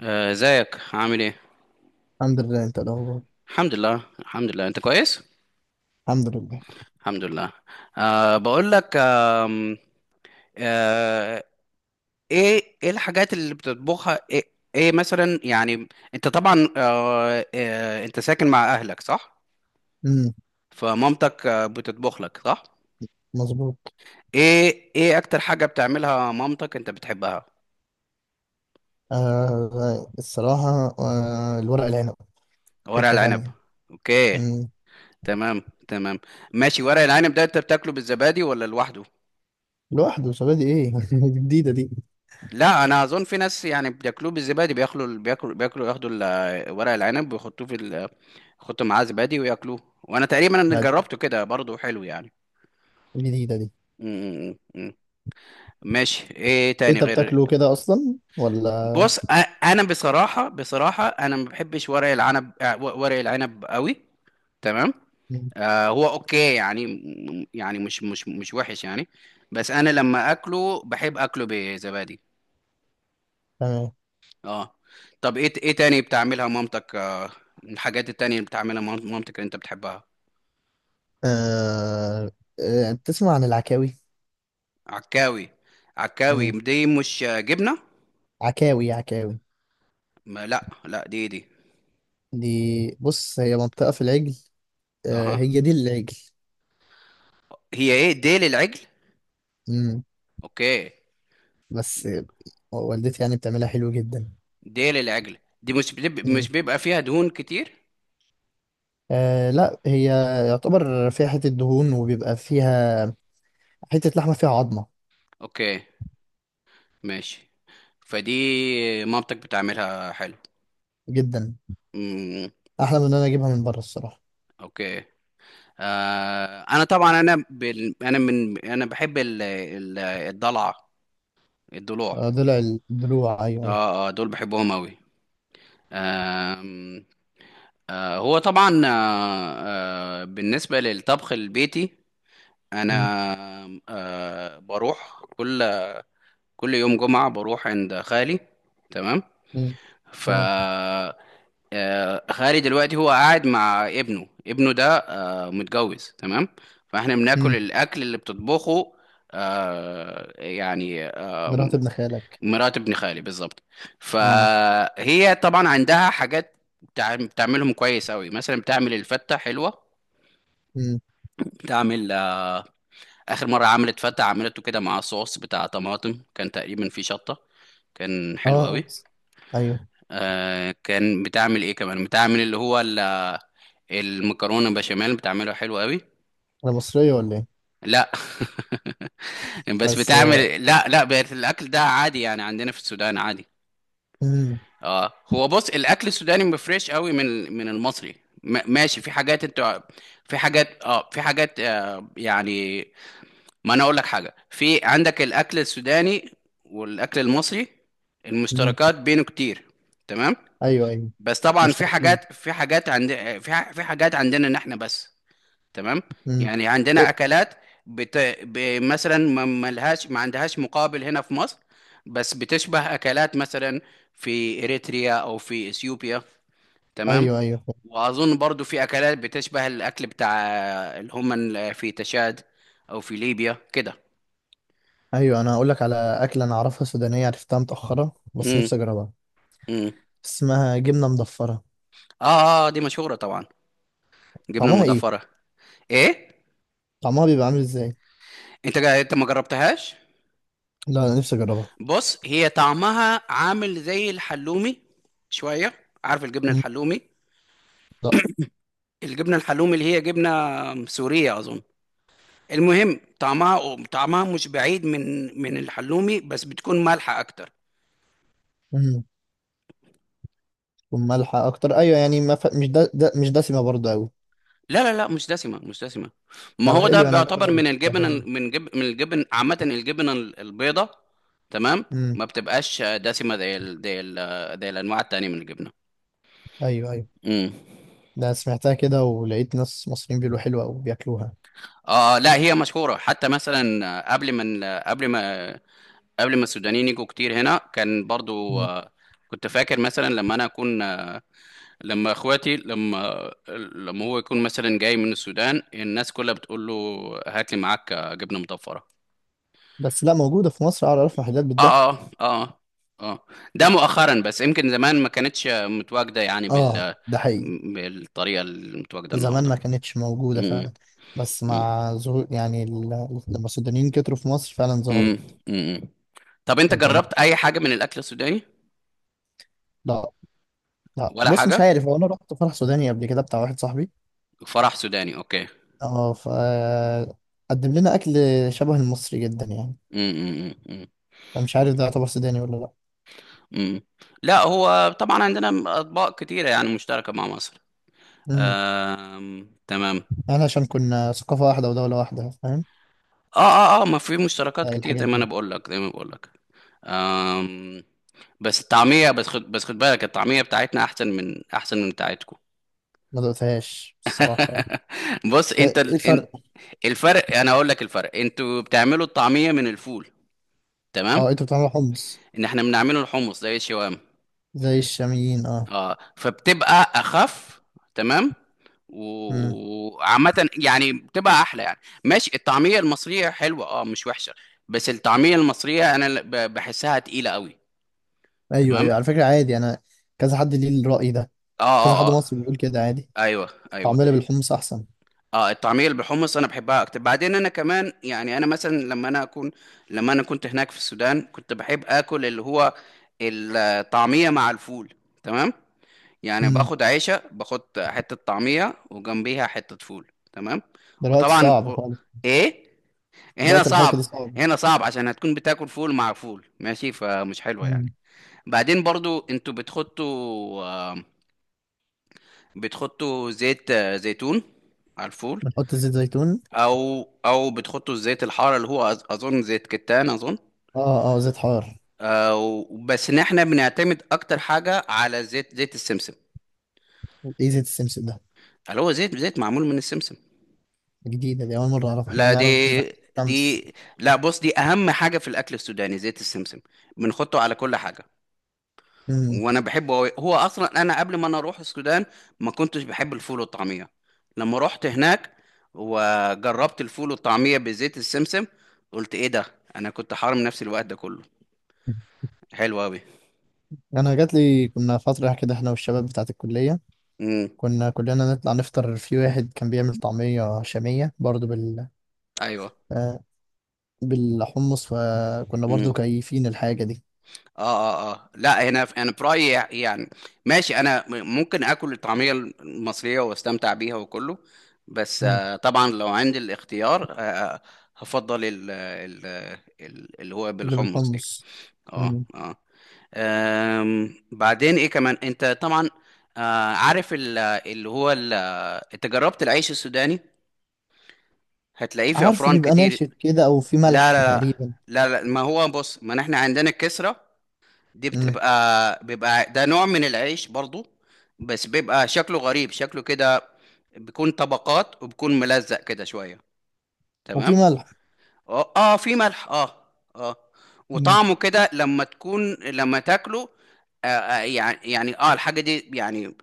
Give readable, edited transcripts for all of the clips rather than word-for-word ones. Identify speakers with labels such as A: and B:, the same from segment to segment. A: آه، ازيك عامل ايه.
B: الحمد لله. انت إيه الاخبار؟
A: الحمد لله انت كويس.
B: الحمد لله.
A: الحمد لله. أه بقول لك آه، ايه الحاجات اللي بتطبخها ايه، إيه مثلا يعني انت طبعا أه آه، انت ساكن مع اهلك صح؟
B: امم.
A: فمامتك بتطبخ لك صح؟
B: مظبوط.
A: ايه اكتر حاجة بتعملها مامتك انت بتحبها؟
B: آه الصراحه، الورق العنب.
A: ورق
B: حته
A: العنب.
B: ثانيه.
A: اوكي.
B: امم.
A: تمام. ماشي، ورق العنب ده انت بتاكله بالزبادي ولا لوحده؟
B: لوحده، شبابي ايه جديده دي.
A: لا انا اظن في ناس يعني بياكلوه بالزبادي، بياكلوا ياخدوا ورق العنب ويحطوه في يحطوا معاه زبادي وياكلوه، وانا تقريبا أنا
B: لا، دي
A: جربته كده برضه حلو يعني.
B: جديده دي.
A: م- م- م- م. ماشي، ايه
B: إيه،
A: تاني
B: انت
A: غير؟
B: بتاكله كده اصلا ولا؟
A: بص أ- انا بصراحه انا ما بحبش ورق العنب، ورق العنب قوي. تمام.
B: مم.
A: آه هو اوكي يعني، يعني مش وحش يعني. بس انا لما اكله بحب اكله بزبادي.
B: تمام.
A: اه. طب ايه تاني بتعملها مامتك، من الحاجات التانية اللي بتعملها مامتك اللي انت بتحبها؟
B: آه آه، بتسمع عن العكاوي؟
A: عكاوي. عكاوي
B: مم.
A: دي مش جبنة؟
B: عكاوي عكاوي
A: ما لا دي دي.
B: دي. بص، هي منطقه في العجل. آه
A: اها.
B: هي دي العجل.
A: هي ايه ديل العجل؟
B: امم.
A: اوكي.
B: بس والدتي يعني بتعملها حلو جدا.
A: ديل العجل دي مش مش بيبقى فيها دهون كتير؟
B: آه لا، هي يعتبر فيها حتة دهون وبيبقى فيها حتة لحمة فيها عظمة.
A: اوكي. ماشي. فدي مامتك بتعملها حلو.
B: جدا.
A: امم.
B: أحلى من إن أنا أجيبها من بره الصراحة.
A: اوكي. آه انا طبعا، انا بال... انا من انا بحب الضلع،
B: آه
A: الضلوع.
B: ضلع. الضلوع، أيوه أيوه.
A: اه اه دول بحبهم قوي. آم، آه هو طبعا، بالنسبة للطبخ البيتي انا
B: مم.
A: بروح كل يوم جمعة بروح عند خالي. تمام.
B: مم.
A: ف
B: تمام.
A: خالي دلوقتي هو قاعد مع ابنه، ابنه ده متجوز، تمام، فاحنا بناكل
B: مم.
A: الاكل اللي بتطبخه، يعني
B: مرات ابن خالك.
A: مرات ابن خالي بالظبط.
B: مم.
A: فهي طبعا عندها حاجات بتعملهم كويس قوي. مثلا بتعمل الفته حلوه،
B: مم.
A: بتعمل اخر مره عملت فته، عملته كده مع صوص بتاع طماطم كان تقريبا فيه شطه، كان حلو قوي.
B: أه. أيوه.
A: آه كان بتعمل ايه كمان، بتعمل اللي هو المكرونه بشاميل بتعملها حلو قوي.
B: أنا مصرية ولا إيه؟
A: لا بس
B: بس.
A: بتعمل، لا بقت الاكل ده عادي يعني، عندنا في السودان عادي.
B: مم.
A: اه هو بص الاكل السوداني مفرش قوي من المصري. ماشي، في حاجات انت، في حاجات يعني، ما انا اقول لك حاجه، في عندك الاكل السوداني والاكل المصري،
B: مم.
A: المشتركات بينه كتير. تمام.
B: أيوه أيوه.
A: بس طبعا في
B: مشتركين.
A: حاجات، في حاجات عند في حاجات عندنا ان احنا بس، تمام،
B: مم.
A: يعني
B: ط-
A: عندنا اكلات بت... مثلا ما ملهاش، ما عندهاش مقابل هنا في مصر، بس بتشبه اكلات مثلا في اريتريا او في اثيوبيا. تمام.
B: أيوه أيوه.
A: واظن برضو في اكلات بتشبه الاكل بتاع اللي هم في تشاد او في ليبيا كده.
B: أيوه، أنا هقول لك على أكلة أنا أعرفها سودانية، عرفتها متأخرة بس
A: امم.
B: نفسي أجربها.
A: امم.
B: اسمها جبنة مضفرة.
A: اه اه دي مشهوره طبعا، جبنه
B: طعمها إيه؟
A: المضافره. ايه؟
B: طعمها بيبقى عامل ازاي؟
A: انت ما جربتهاش؟
B: لا، انا نفسي اجربها.
A: بص هي طعمها عامل زي الحلومي شويه. عارف الجبنه
B: مم.
A: الحلومي؟
B: لا.
A: الجبنة الحلومي اللي هي جبنة سورية أظن. المهم طعمها، طعمها مش بعيد من الحلومي، بس بتكون مالحة أكتر.
B: مم. تكون مالحه اكتر، ايوه يعني ما ف... مش ده, ده مش دسمه برضه قوي.
A: لا لا مش دسمة، مش دسمة. ما
B: طب
A: هو
B: حلو،
A: ده
B: يعني
A: بيعتبر
B: اجربها،
A: من
B: ده
A: الجبن،
B: حلو.
A: من الجبن عامة، الجبن البيضة. تمام.
B: امم.
A: ما بتبقاش دسمة زي زي الأنواع التانية من الجبنة.
B: ايوه ايوه.
A: امم.
B: ده سمعتها كده ولقيت ناس مصريين بيقولوا حلوه وبياكلوها.
A: اه لا هي مشهورة حتى. مثلا قبل ما السودانيين يجوا كتير هنا كان برضو،
B: مم.
A: كنت فاكر مثلا لما انا اكون، لما اخواتي لما لما هو يكون مثلا جاي من السودان الناس كلها بتقول له هات لي معاك جبنه مطفره.
B: بس لا، موجوده في مصر، اعرف محلات بتبيعها.
A: اه اه اه اه. ده مؤخرا بس، يمكن زمان ما كانتش متواجده يعني
B: اه، ده حقيقي.
A: بالطريقه المتواجده
B: زمان
A: النهارده.
B: ما كانتش موجوده
A: امم
B: فعلا. بس
A: امم
B: مع ظهور يعني لما السودانيين كتروا في مصر فعلا
A: امم
B: ظهرت.
A: امم. طب انت
B: وكانت.
A: جربت اي حاجه من الاكل السوداني
B: لا. لا،
A: ولا
B: بص مش
A: حاجه؟
B: عارف، هو انا رحت فرح سوداني قبل كده بتاع واحد صاحبي.
A: فرح سوداني، اوكي.
B: اه، قدم لنا اكل شبه المصري جدا يعني.
A: امم امم امم
B: فمش عارف ده يعتبر سوداني ولا لا.
A: امم. لا هو طبعا عندنا اطباق كتيره يعني مشتركه مع مصر.
B: امم.
A: تمام.
B: احنا عشان كنا ثقافه واحده ودوله واحده، فاهم.
A: اه ما في مشتركات
B: آه،
A: كتير
B: الحاجات
A: زي ما انا
B: دي.
A: بقول لك، آم... بس الطعمية، بس خد بس خد بالك الطعمية بتاعتنا احسن من بتاعتكم.
B: ما دقتهاش الصراحه يعني.
A: بص انت
B: ايه
A: ال... ان-
B: الفرق؟
A: الفرق، انا اقول لك الفرق، انتوا بتعملوا الطعمية من الفول، تمام،
B: اه، انتوا بتعملوا حمص
A: ان احنا بنعمله الحمص زي الشوام.
B: زي الشاميين اه.
A: اه فبتبقى اخف، تمام،
B: امم.
A: وعامة يعني بتبقى احلى يعني. ماشي الطعمية المصرية حلوة، اه مش وحشة، بس الطعمية المصرية انا بحسها تقيلة قوي.
B: ايوه
A: تمام.
B: ايوه، على فكره عادي انا. كذا حد ليه الراي ده. كذا حد
A: اه.
B: مصري بيقول كده عادي.
A: ايوه ايوه.
B: طعمنا بالحمص احسن.
A: اه الطعمية اللي بالحمص انا بحبها اكتر. بعدين انا كمان يعني انا مثلا لما انا اكون، لما انا كنت هناك في السودان كنت بحب اكل اللي هو الطعمية مع الفول. تمام، يعني
B: امم.
A: باخد عيشة، باخد حتة طعمية وجنبيها حتة فول، تمام.
B: دلوقتي
A: وطبعا
B: صعب
A: و-
B: خالص.
A: ايه، هنا
B: دلوقتي الحركه دي
A: صعب.
B: صعبه.
A: هنا صعب عشان هتكون بتاكل فول مع فول ماشي، فمش حلوة يعني.
B: امم.
A: بعدين برضو انتوا بتحطوا، آم، بتحطوا زيت زيتون على الفول.
B: بنحط زيت زيتون.
A: او او بتحطوا الزيت الحار اللي هو اظن زيت كتان اظن.
B: اه اه، زيت حار.
A: أو بس ان احنا بنعتمد اكتر حاجة على زيت السمسم،
B: ايه زيت السمسم ده؟
A: اللي هو زيت معمول من السمسم.
B: جديدة دي، أول مرة أعرف. إحنا
A: لا
B: بنعرف بزيت
A: دي
B: الشمس.
A: دي لا بص دي اهم حاجه في الاكل السوداني، زيت السمسم بنحطه على كل حاجه.
B: أمم.
A: وانا بحبه أوي. هو اصلا انا قبل ما انا اروح السودان ما كنتش بحب الفول والطعميه، لما رحت هناك وجربت الفول والطعميه بزيت السمسم قلت ايه ده، انا كنت حارم نفسي الوقت ده كله، حلو قوي.
B: أنا جات لي كنا فترة كده إحنا والشباب بتاعة الكلية،
A: امم.
B: كنا كلنا نطلع نفطر في واحد كان بيعمل طعمية شامية برضو
A: ايوه.
B: آه، بالحمص، فكنا برضو كيفين الحاجة دي.
A: اه اه لا هنا انا برايي يعني، ماشي انا ممكن اكل الطعميه المصريه واستمتع بيها وكله، بس
B: أمم.
A: طبعا لو عندي الاختيار، هفضل اللي هو
B: اللي
A: بالحمص دي.
B: بالحمص.
A: اه
B: أمم.
A: اه. بعدين ايه كمان، انت طبعا عارف انت جربت العيش السوداني؟ هتلاقيه في
B: عارفه
A: افران
B: بيبقى
A: كتير.
B: ناشف كده أو في
A: لا
B: ملح
A: لا
B: تقريبا.
A: لا. لا ما هو بص ما احنا عندنا الكسرة دي،
B: أمم.
A: بيبقى ده نوع من العيش برضو، بس بيبقى شكله غريب، شكله كده بيكون طبقات وبيكون ملزق كده شوية.
B: وفي
A: تمام.
B: ملح.
A: اه في ملح اه اه.
B: أمم.
A: وطعمه كده لما تكون لما تاكله، يعني الحاجة دي يعني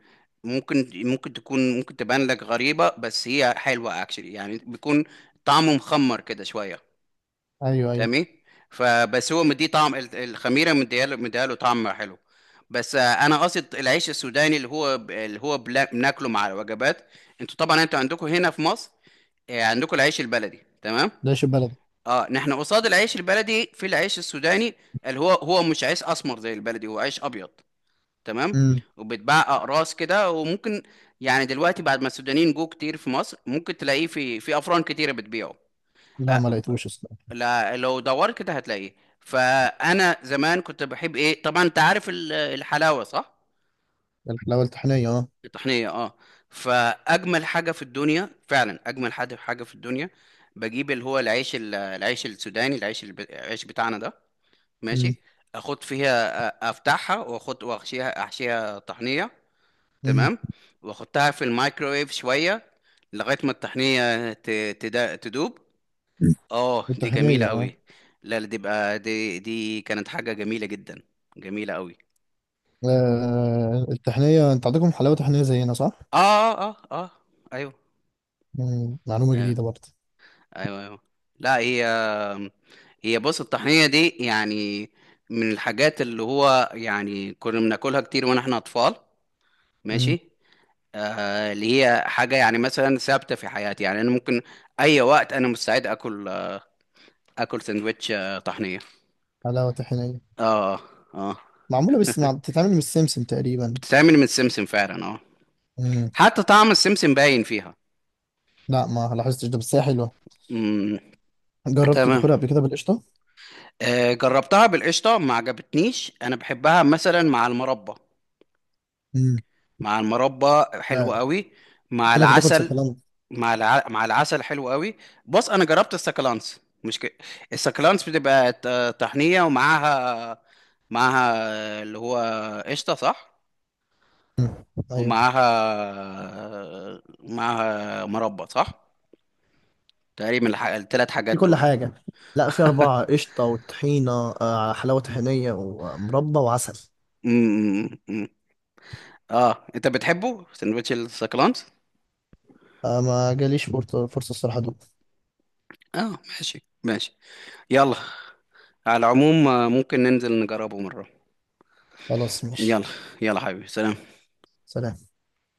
A: ممكن تبان لك غريبة، بس هي حلوة اكشلي يعني، بيكون طعمه مخمر كده شوية.
B: أيوه أيوه.
A: تمام. فبس هو مديه طعم الخميره، مديها له طعم حلو. بس انا قصد العيش السوداني اللي هو بناكله مع الوجبات. انتوا عندكم هنا في مصر عندكم العيش البلدي، تمام.
B: ناشف بلدي.
A: اه نحن قصاد العيش البلدي في العيش السوداني، اللي هو مش عيش اسمر زي البلدي، هو عيش ابيض، تمام.
B: أمم.
A: وبيتباع اقراص كده، وممكن يعني دلوقتي بعد ما السودانيين جو كتير في مصر ممكن تلاقيه في افران كتيره بتبيعه.
B: لا،
A: آه،
B: ما لقيتوش أصلا.
A: لا لو دورت كده هتلاقيه. فانا زمان كنت بحب ايه، طبعا انت عارف الحلاوه صح؟
B: الحلاوة الطحينية أه.
A: الطحنيه اه. فاجمل حاجه في الدنيا فعلا، اجمل حاجه في الدنيا، بجيب اللي هو العيش العيش بتاعنا ده، ماشي،
B: أمم.
A: افتحها احشيها طحنيه،
B: أمم.
A: تمام، واحطها في الميكرويف شويه لغايه ما الطحنيه تدوب. اه دي جميلة
B: الطحينية اه.
A: قوي. لا لا، دي بقى، دي كانت حاجة جميلة جدا، جميلة قوي.
B: آه التحنية، انت عندكم حلاوة تحنية زينا صح؟
A: اه اه. ايوه
B: مم. معلومة
A: ايوه
B: جديدة برضه.
A: ايوه، أيوة. لا هي هي بص الطحينة دي يعني من الحاجات اللي هو يعني كنا بناكلها كتير وانا اطفال،
B: مم.
A: ماشي، آه اللي هي حاجة يعني مثلا ثابتة في حياتي، يعني انا ممكن اي وقت انا مستعد اكل، اكل سندوتش طحنية.
B: حلاوة تحنية
A: اه. اه
B: معمولة، بس بتتعمل من السمسم تقريبا.
A: بتتعمل من السمسم فعلا اه،
B: مم.
A: حتى طعم السمسم باين فيها.
B: لا، ما لاحظتش ده، بس هي حلوة.
A: مم.
B: جربت
A: تمام.
B: تاكلها قبل كده بالقشطة؟
A: جربتها بالقشطة ما عجبتنيش، أنا بحبها مثلا مع المربى،
B: مم.
A: مع المربى حلو
B: لا.
A: قوي، مع
B: كأنك بتاكل
A: العسل،
B: سكالانت.
A: مع العسل حلو قوي. بص أنا جربت السكالانس مش ك... السكالانس بتبقى طحنية ومعاها، معاها اللي هو قشطة صح،
B: ايوه.
A: معاها مربى صح، تقريبا الثلاث
B: في
A: حاجات
B: كل
A: دول.
B: حاجة. لا، في أربعة: قشطة وطحينة. آه حلاوة طحينية ومربى وعسل.
A: مم. مم. مم. اه انت بتحبه سندوتش السكالانس؟
B: آه، ما جاليش فرصة، فرصة الصراحة دوق.
A: اه ماشي ماشي. يلا، على العموم ممكن ننزل نجربه مرة.
B: خلاص ماشي.
A: يلا. يلا حبيبي، سلام.
B: سلام.